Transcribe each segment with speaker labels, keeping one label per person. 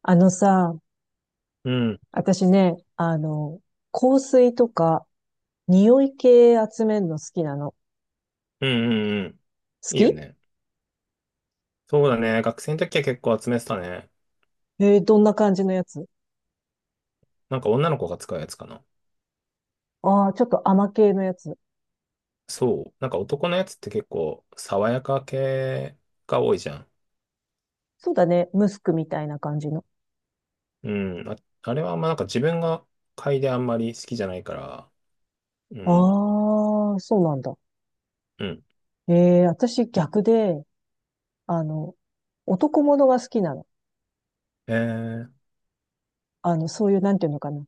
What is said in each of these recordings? Speaker 1: あのさ、
Speaker 2: うん。
Speaker 1: 私ね、香水とか、匂い系集めるの好きなの。
Speaker 2: うんうんうん。
Speaker 1: 好
Speaker 2: いいよ
Speaker 1: き、
Speaker 2: ね。そうだね。学生の時は結構集めてたね。
Speaker 1: えーどんな感じのやつ？
Speaker 2: なんか女の子が使うやつかな。
Speaker 1: ああー、ちょっと甘系のやつ。
Speaker 2: そう。なんか男のやつって結構爽やか系が多いじゃん。
Speaker 1: そうだね、ムスクみたいな感じの。
Speaker 2: うん。あ、あれはなんか自分が嗅いであんまり好きじゃないから。うん。
Speaker 1: ああ、そうなんだ。
Speaker 2: うん。
Speaker 1: えー、私逆で、あの、男物が好きなの。
Speaker 2: えー、
Speaker 1: そういう、なんていうのかな。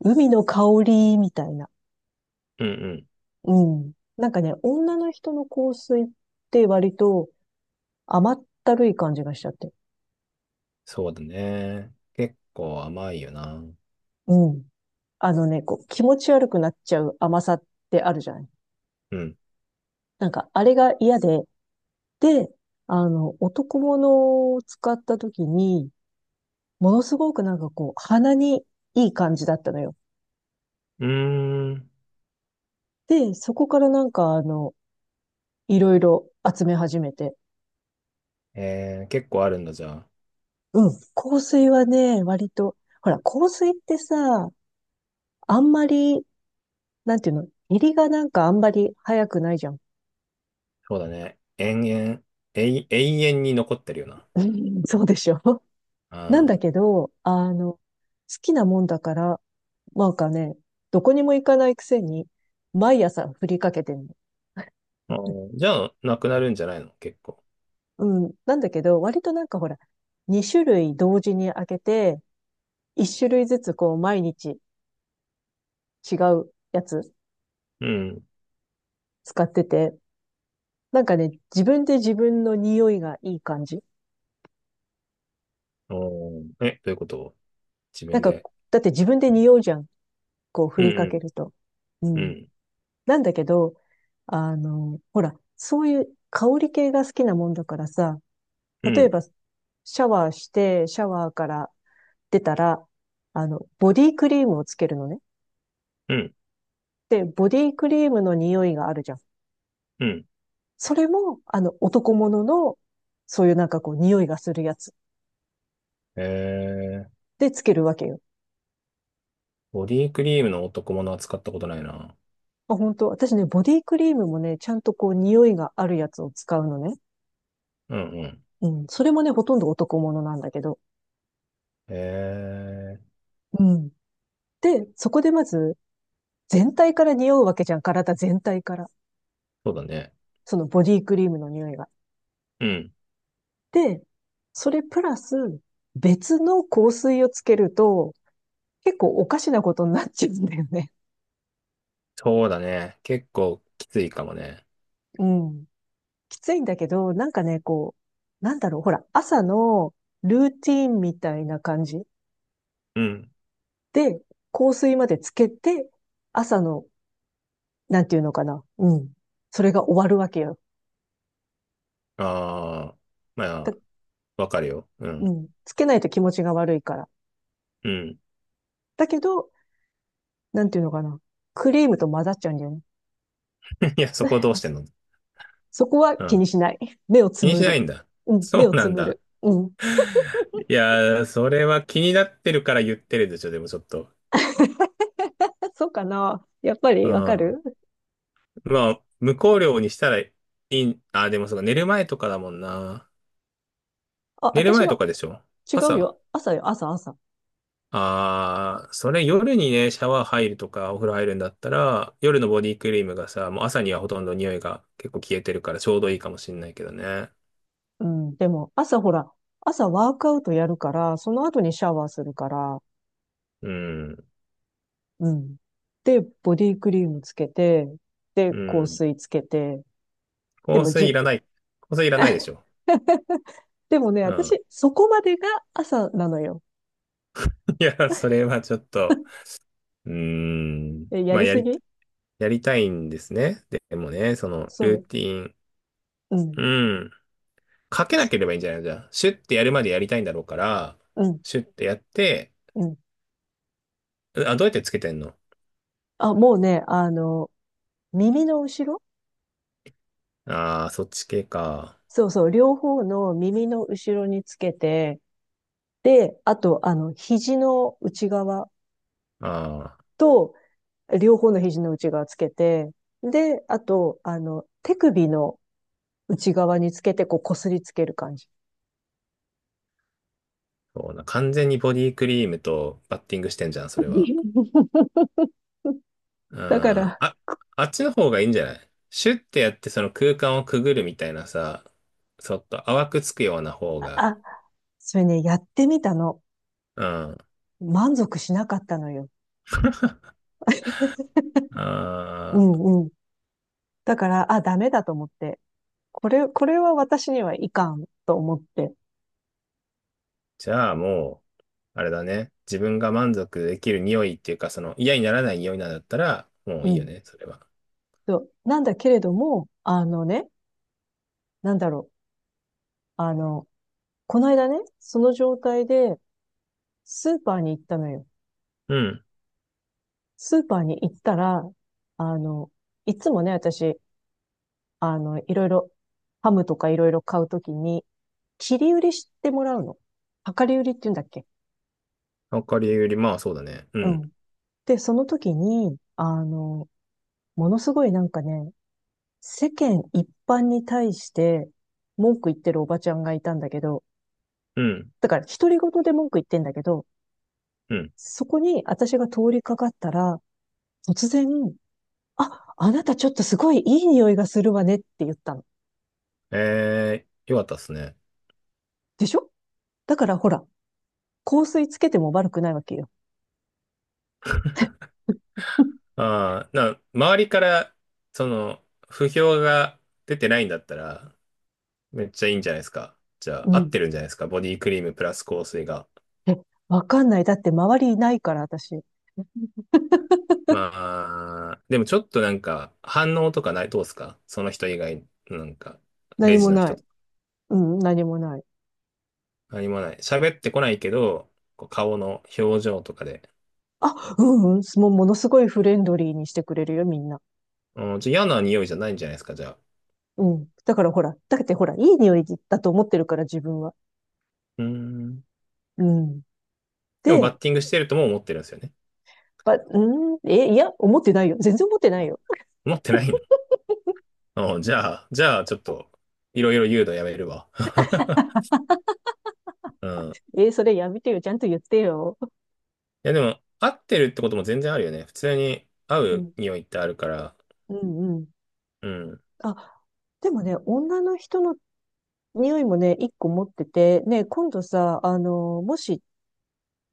Speaker 1: 海の香りみたいな。
Speaker 2: うんうん。
Speaker 1: うん。なんかね、女の人の香水って割と甘ったるい感じがしちゃって。
Speaker 2: そうだね。結構甘いよな。
Speaker 1: うん。あのね、こう、気持ち悪くなっちゃう甘さってあるじゃない？
Speaker 2: うん。
Speaker 1: なんか、あれが嫌で、で、男物を使った時に、ものすごくなんかこう、鼻にいい感じだったのよ。
Speaker 2: うーん。
Speaker 1: で、そこからなんかいろいろ集め始めて。
Speaker 2: えー、結構あるんだじゃあ。
Speaker 1: うん。香水はね、割と、ほら、香水ってさ、あんまり、なんていうの、入りがなんかあんまり早くないじゃん。
Speaker 2: そうだね。延々、永遠に残ってるよな。
Speaker 1: うんそうでしょ？ なんだけど、好きなもんだから、なんかね、どこにも行かないくせに、毎朝振りかけてるの。
Speaker 2: あー、じゃあ、なくなるんじゃないの、結構。
Speaker 1: うん。なんだけど、割となんかほら、2種類同時に開けて、1種類ずつこう毎日違うやつ
Speaker 2: うん。
Speaker 1: 使ってて、なんかね、自分で自分の匂いがいい感じ。
Speaker 2: おー、え、どういうこと、自
Speaker 1: なん
Speaker 2: 分
Speaker 1: か、
Speaker 2: で。
Speaker 1: だって自分で
Speaker 2: うん、
Speaker 1: 匂うじゃん。こう
Speaker 2: う
Speaker 1: 振りかけ
Speaker 2: ん、
Speaker 1: ると。う
Speaker 2: う
Speaker 1: ん。
Speaker 2: ん、
Speaker 1: なんだけど、ほら、そういう香り系が好きなもんだからさ、
Speaker 2: う
Speaker 1: 例え
Speaker 2: ん、
Speaker 1: ば、シャワーして、シャワーからってたら、ボディクリームをつけるのね。
Speaker 2: うん。
Speaker 1: で、ボディクリームの匂いがあるじゃん。
Speaker 2: うん、
Speaker 1: それも、男物の、そういうなんかこう、匂いがするやつ
Speaker 2: えー、
Speaker 1: でつけるわけよ。
Speaker 2: ボディクリームの男物は使ったことないな。
Speaker 1: あ、本当私ね、ボディクリームもね、ちゃんとこう、匂いがあるやつを使うのね。
Speaker 2: うん、うん。
Speaker 1: うん。それもね、ほとんど男物なんだけど。
Speaker 2: えー、
Speaker 1: うん。で、そこでまず、全体から匂うわけじゃん。体全体から。
Speaker 2: そうだね。
Speaker 1: そのボディクリームの匂いが。
Speaker 2: うん。
Speaker 1: で、それプラス、別の香水をつけると、結構おかしなことになっちゃうんだよね。
Speaker 2: そうだね。結構きついかもね。
Speaker 1: うん。きついんだけど、なんかね、こう、なんだろう、ほら、朝のルーティーンみたいな感じ
Speaker 2: うん。
Speaker 1: で、香水までつけて、朝の、なんていうのかな、うん。それが終わるわけよ。
Speaker 2: ああ、ま
Speaker 1: だ、
Speaker 2: あ、わかるよ。う
Speaker 1: う
Speaker 2: ん、
Speaker 1: ん。つけないと気持ちが悪いから。
Speaker 2: うん。
Speaker 1: だけど、なんていうのかな、クリームと混ざっちゃうんだよね。
Speaker 2: いや、そこどうしてんの？
Speaker 1: そこは
Speaker 2: う
Speaker 1: 気
Speaker 2: ん。
Speaker 1: にしない。目をつ
Speaker 2: 気に
Speaker 1: む
Speaker 2: しな
Speaker 1: る。
Speaker 2: いんだ。
Speaker 1: うん、目
Speaker 2: そ
Speaker 1: を
Speaker 2: うな
Speaker 1: つ
Speaker 2: ん
Speaker 1: む
Speaker 2: だ。
Speaker 1: る。うん。
Speaker 2: いやー、それは気になってるから言ってるでしょ、でもちょっと。
Speaker 1: そうかな。やっぱ
Speaker 2: う
Speaker 1: りわか
Speaker 2: ん。
Speaker 1: る？
Speaker 2: まあ、無香料にしたらいい、あ、でもそうか、寝る前とかだもんな。
Speaker 1: あ、
Speaker 2: 寝る
Speaker 1: 私
Speaker 2: 前と
Speaker 1: は
Speaker 2: かでしょ？
Speaker 1: 違う
Speaker 2: 朝。
Speaker 1: よ。朝よ、朝、朝。
Speaker 2: ああ、それ夜にね、シャワー入るとか、お風呂入るんだったら、夜のボディクリームがさ、もう朝にはほとんど匂いが結構消えてるからちょうどいいかもしんないけどね。
Speaker 1: うん、でも、朝ほら、朝ワークアウトやるから、その後にシャワーするから、
Speaker 2: うん。
Speaker 1: うん。で、ボディクリームつけて、で、
Speaker 2: う
Speaker 1: 香
Speaker 2: ん。
Speaker 1: 水つけて、で
Speaker 2: 香
Speaker 1: も
Speaker 2: 水
Speaker 1: じ、
Speaker 2: いらない。香水いらないでしょ。
Speaker 1: でもね、
Speaker 2: うん。
Speaker 1: 私、そこまでが朝なのよ。
Speaker 2: いや、それはちょっと、うーん。
Speaker 1: え、や
Speaker 2: まあ、
Speaker 1: りすぎ？
Speaker 2: やりたいんですね。でもね、その、ル
Speaker 1: そ
Speaker 2: ーティン。
Speaker 1: う。うん、
Speaker 2: うん。かけなければいいんじゃないの、じゃあ、シュッてやるまでやりたいんだろうから、
Speaker 1: うん、
Speaker 2: シュッてやって、
Speaker 1: うん。
Speaker 2: う、あ、どうやってつけてんの？
Speaker 1: あ、もうね、耳の後ろ。
Speaker 2: ああー、そっち系か。
Speaker 1: そうそう、両方の耳の後ろにつけて、で、あと、肘の内側
Speaker 2: ああ、
Speaker 1: と両方の肘の内側つけて、で、あと、手首の内側につけて、こう、こすりつける感じ。
Speaker 2: そうな。完全にボディクリームとバッティングしてんじゃん、それは。う
Speaker 1: だか
Speaker 2: ん。
Speaker 1: ら、
Speaker 2: あ、あっちの方がいいんじゃない、シュッてやってその空間をくぐるみたいなさ、ちょっと淡くつくような方が。
Speaker 1: あ、それね、やってみたの。
Speaker 2: うん。
Speaker 1: 満足しなかったのよ。う
Speaker 2: あ、
Speaker 1: んうん。だから、あ、ダメだと思って。これは私にはいかんと思って。
Speaker 2: じゃあもう、あれだね。自分が満足できる匂いっていうか、その嫌にならない匂いなんだったら、も
Speaker 1: う
Speaker 2: ういいよ
Speaker 1: ん。
Speaker 2: ね、それは。
Speaker 1: そうなんだけれども、あのね、なんだろう。あの、この間ね、その状態でスーパーに行ったのよ。
Speaker 2: うん。
Speaker 1: スーパーに行ったら、あの、いつもね、私、あの、いろいろ、ハムとかいろいろ買うときに、切り売りしてもらうの。量り売りって言うんだっけ？
Speaker 2: わかりより、まあそうだね。う
Speaker 1: う
Speaker 2: ん。
Speaker 1: ん。で、その時に、ものすごいなんかね、世間一般に対して文句言ってるおばちゃんがいたんだけど、
Speaker 2: うん。
Speaker 1: だから独り言で文句言ってんだけど、
Speaker 2: うん。
Speaker 1: そこに私が通りかかったら、突然、あ、あなたちょっとすごいいい匂いがするわねって言ったの。
Speaker 2: えー、よかったっすね。
Speaker 1: でしょ？だからほら、香水つけても悪くないわけよ。
Speaker 2: ああ、な、周りから、その、不評が出てないんだったら、めっちゃいいんじゃないですか。じゃ
Speaker 1: う
Speaker 2: あ、合っ
Speaker 1: ん。
Speaker 2: てるんじゃないですか。ボディクリームプラス香水が。
Speaker 1: え、わかんない。だって周りいないから、私。
Speaker 2: まあ、でもちょっとなんか、反応とかない、どうっすかその人以外、なんか、
Speaker 1: 何
Speaker 2: レジ
Speaker 1: も
Speaker 2: の
Speaker 1: な
Speaker 2: 人
Speaker 1: い。うん、何もない。
Speaker 2: 何もない。喋ってこないけど、こう顔の表情とかで。
Speaker 1: あ、うんうん、もうものすごいフレンドリーにしてくれるよ、みんな。
Speaker 2: うん、じゃあ嫌な匂いじゃないんじゃないですか、じゃあ。
Speaker 1: うん。だからほら、だってほら、いい匂いだと思ってるから、自分は。
Speaker 2: うーん。
Speaker 1: うん。
Speaker 2: でもバッ
Speaker 1: で、
Speaker 2: ティングしてるとも思ってるんですよね。
Speaker 1: ば、うん、え、いや、思ってないよ。全然思ってない
Speaker 2: も
Speaker 1: よ。
Speaker 2: 思ってないの？うん、じゃあ、じゃあちょっと、いろいろ言うのやめるわ。うん。い
Speaker 1: えーそれやめてよ。ちゃんと言ってよ。
Speaker 2: やでも、合ってるってことも全然あるよね。普通に合
Speaker 1: う
Speaker 2: う
Speaker 1: ん。
Speaker 2: 匂いってあるから。
Speaker 1: うんうん。
Speaker 2: うん。
Speaker 1: あ、でもね、女の人の匂いもね、一個持ってて、ね、今度さ、もし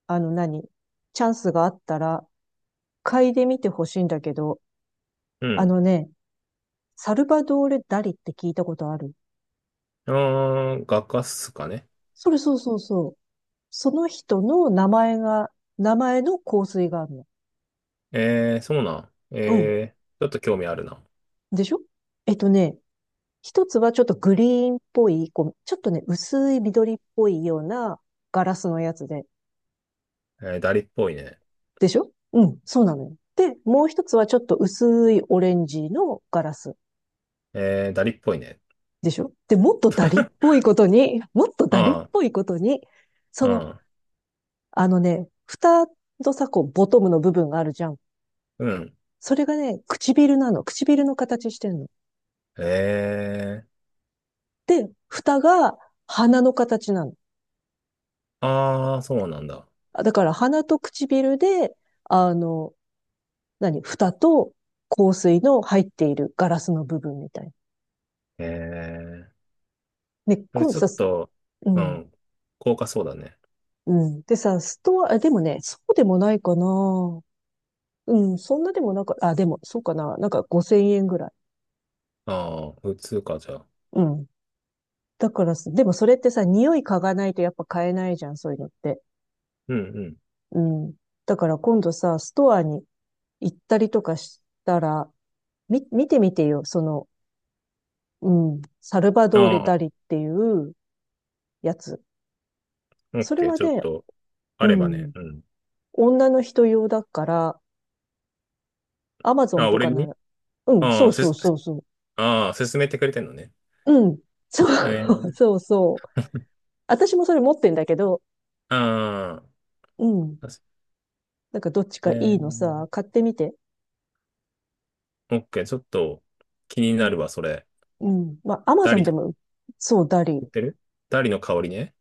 Speaker 1: あの何、チャンスがあったら、嗅いでみてほしいんだけど、
Speaker 2: う
Speaker 1: あ
Speaker 2: ん。
Speaker 1: のね、サルバドーレ・ダリって聞いたことある？
Speaker 2: あー、画家っすかね。
Speaker 1: それそうそうそう。その人の名前が、名前の香水があるの。
Speaker 2: えー、そうなん。
Speaker 1: うん。
Speaker 2: えー、ちょっと興味あるな。
Speaker 1: でしょ？えっとね、一つはちょっとグリーンっぽい、こう、ちょっとね、薄い緑っぽいようなガラスのやつで。
Speaker 2: えー、ダリっぽいね。
Speaker 1: でしょ、うん、そうなのよ。で、もう一つはちょっと薄いオレンジのガラス。
Speaker 2: えー、ダリっぽいね。
Speaker 1: でしょ、で、もっとダリっぽいことに、もっとダリっ
Speaker 2: あ
Speaker 1: ぽいことに、そ
Speaker 2: あ、
Speaker 1: の、
Speaker 2: うん。
Speaker 1: あのね、蓋のさ、こう、ボトムの部分があるじゃん。
Speaker 2: うん。
Speaker 1: それがね、唇なの。唇の形してんの。
Speaker 2: へえ。
Speaker 1: で、蓋が鼻の形なの。
Speaker 2: ああ、そうなんだ。
Speaker 1: だから鼻と唇で、あの、何蓋と香水の入っているガラスの部分みたいな。
Speaker 2: へえ。
Speaker 1: ね、
Speaker 2: それ
Speaker 1: 今
Speaker 2: ちょ
Speaker 1: さ、
Speaker 2: っと、
Speaker 1: う
Speaker 2: う
Speaker 1: ん、
Speaker 2: ん。高価そうだね。
Speaker 1: うん。でさ、ストア、でもね、そうでもないかな。うん、そんなでもなんか、あ、でも、そうかな。なんか50円ぐらい。
Speaker 2: ああ、普通か、じゃあ。
Speaker 1: うん。だからさ、でもそれってさ、匂い嗅がないとやっぱ買えないじゃん、そういうのって。
Speaker 2: うんうん。
Speaker 1: うん。だから今度さ、ストアに行ったりとかしたら、み、見てみてよ、その、うん、サルバドーレ・
Speaker 2: ああ、
Speaker 1: ダリっていうやつ。
Speaker 2: オッ
Speaker 1: それ
Speaker 2: ケー。
Speaker 1: は
Speaker 2: ちょっ
Speaker 1: ね、
Speaker 2: と、あ
Speaker 1: う
Speaker 2: ればね。
Speaker 1: ん、
Speaker 2: うん。
Speaker 1: 女の人用だから、アマゾン
Speaker 2: あ、
Speaker 1: と
Speaker 2: 俺
Speaker 1: かな
Speaker 2: に、
Speaker 1: ら、うん、
Speaker 2: あ
Speaker 1: そ
Speaker 2: あ、
Speaker 1: う
Speaker 2: せ、
Speaker 1: そうそうそ
Speaker 2: ああ、勧めてくれてんのね。
Speaker 1: う。うん、そ
Speaker 2: え
Speaker 1: う、
Speaker 2: ー、
Speaker 1: そうそう。私もそれ持ってんだけど、
Speaker 2: あ
Speaker 1: うん、
Speaker 2: あ、確
Speaker 1: なんかどっちか
Speaker 2: え
Speaker 1: い
Speaker 2: ー、
Speaker 1: いのさ、買ってみて。
Speaker 2: オッケー。ちょっと、気になるわ、それ。
Speaker 1: うん。まあ、アマ
Speaker 2: ダ
Speaker 1: ゾ
Speaker 2: リ
Speaker 1: ンで
Speaker 2: の、
Speaker 1: も、そう、ダリ。
Speaker 2: 言ってるダリの香りね。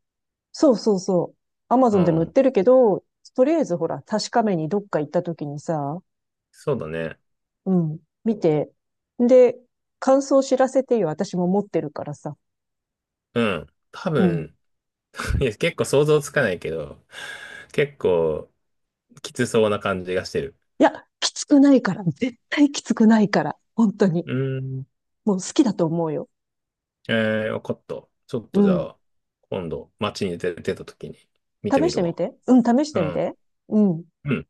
Speaker 1: そうそうそう。アマゾ
Speaker 2: う
Speaker 1: ンでも売っ
Speaker 2: ん。
Speaker 1: てるけど、とりあえずほら、確かめにどっか行った時にさ、
Speaker 2: そうだね。
Speaker 1: うん、見て。で、感想知らせてよ。私も持ってるからさ。
Speaker 2: うん。多
Speaker 1: うん。
Speaker 2: 分、いや、結構想像つかないけど、結構きつそうな感じがしてる。
Speaker 1: いや、きつくないから。絶対きつくないから。本当に。
Speaker 2: うーん。
Speaker 1: もう好きだと思うよ。
Speaker 2: えー、わかった。ちょっ
Speaker 1: う
Speaker 2: とじゃ
Speaker 1: ん。
Speaker 2: あ、今度、街に出てた時に見て
Speaker 1: 試
Speaker 2: み
Speaker 1: し
Speaker 2: る
Speaker 1: てみ
Speaker 2: わ。
Speaker 1: て。うん、試し
Speaker 2: う
Speaker 1: てみ
Speaker 2: ん。
Speaker 1: て。うん。
Speaker 2: うん。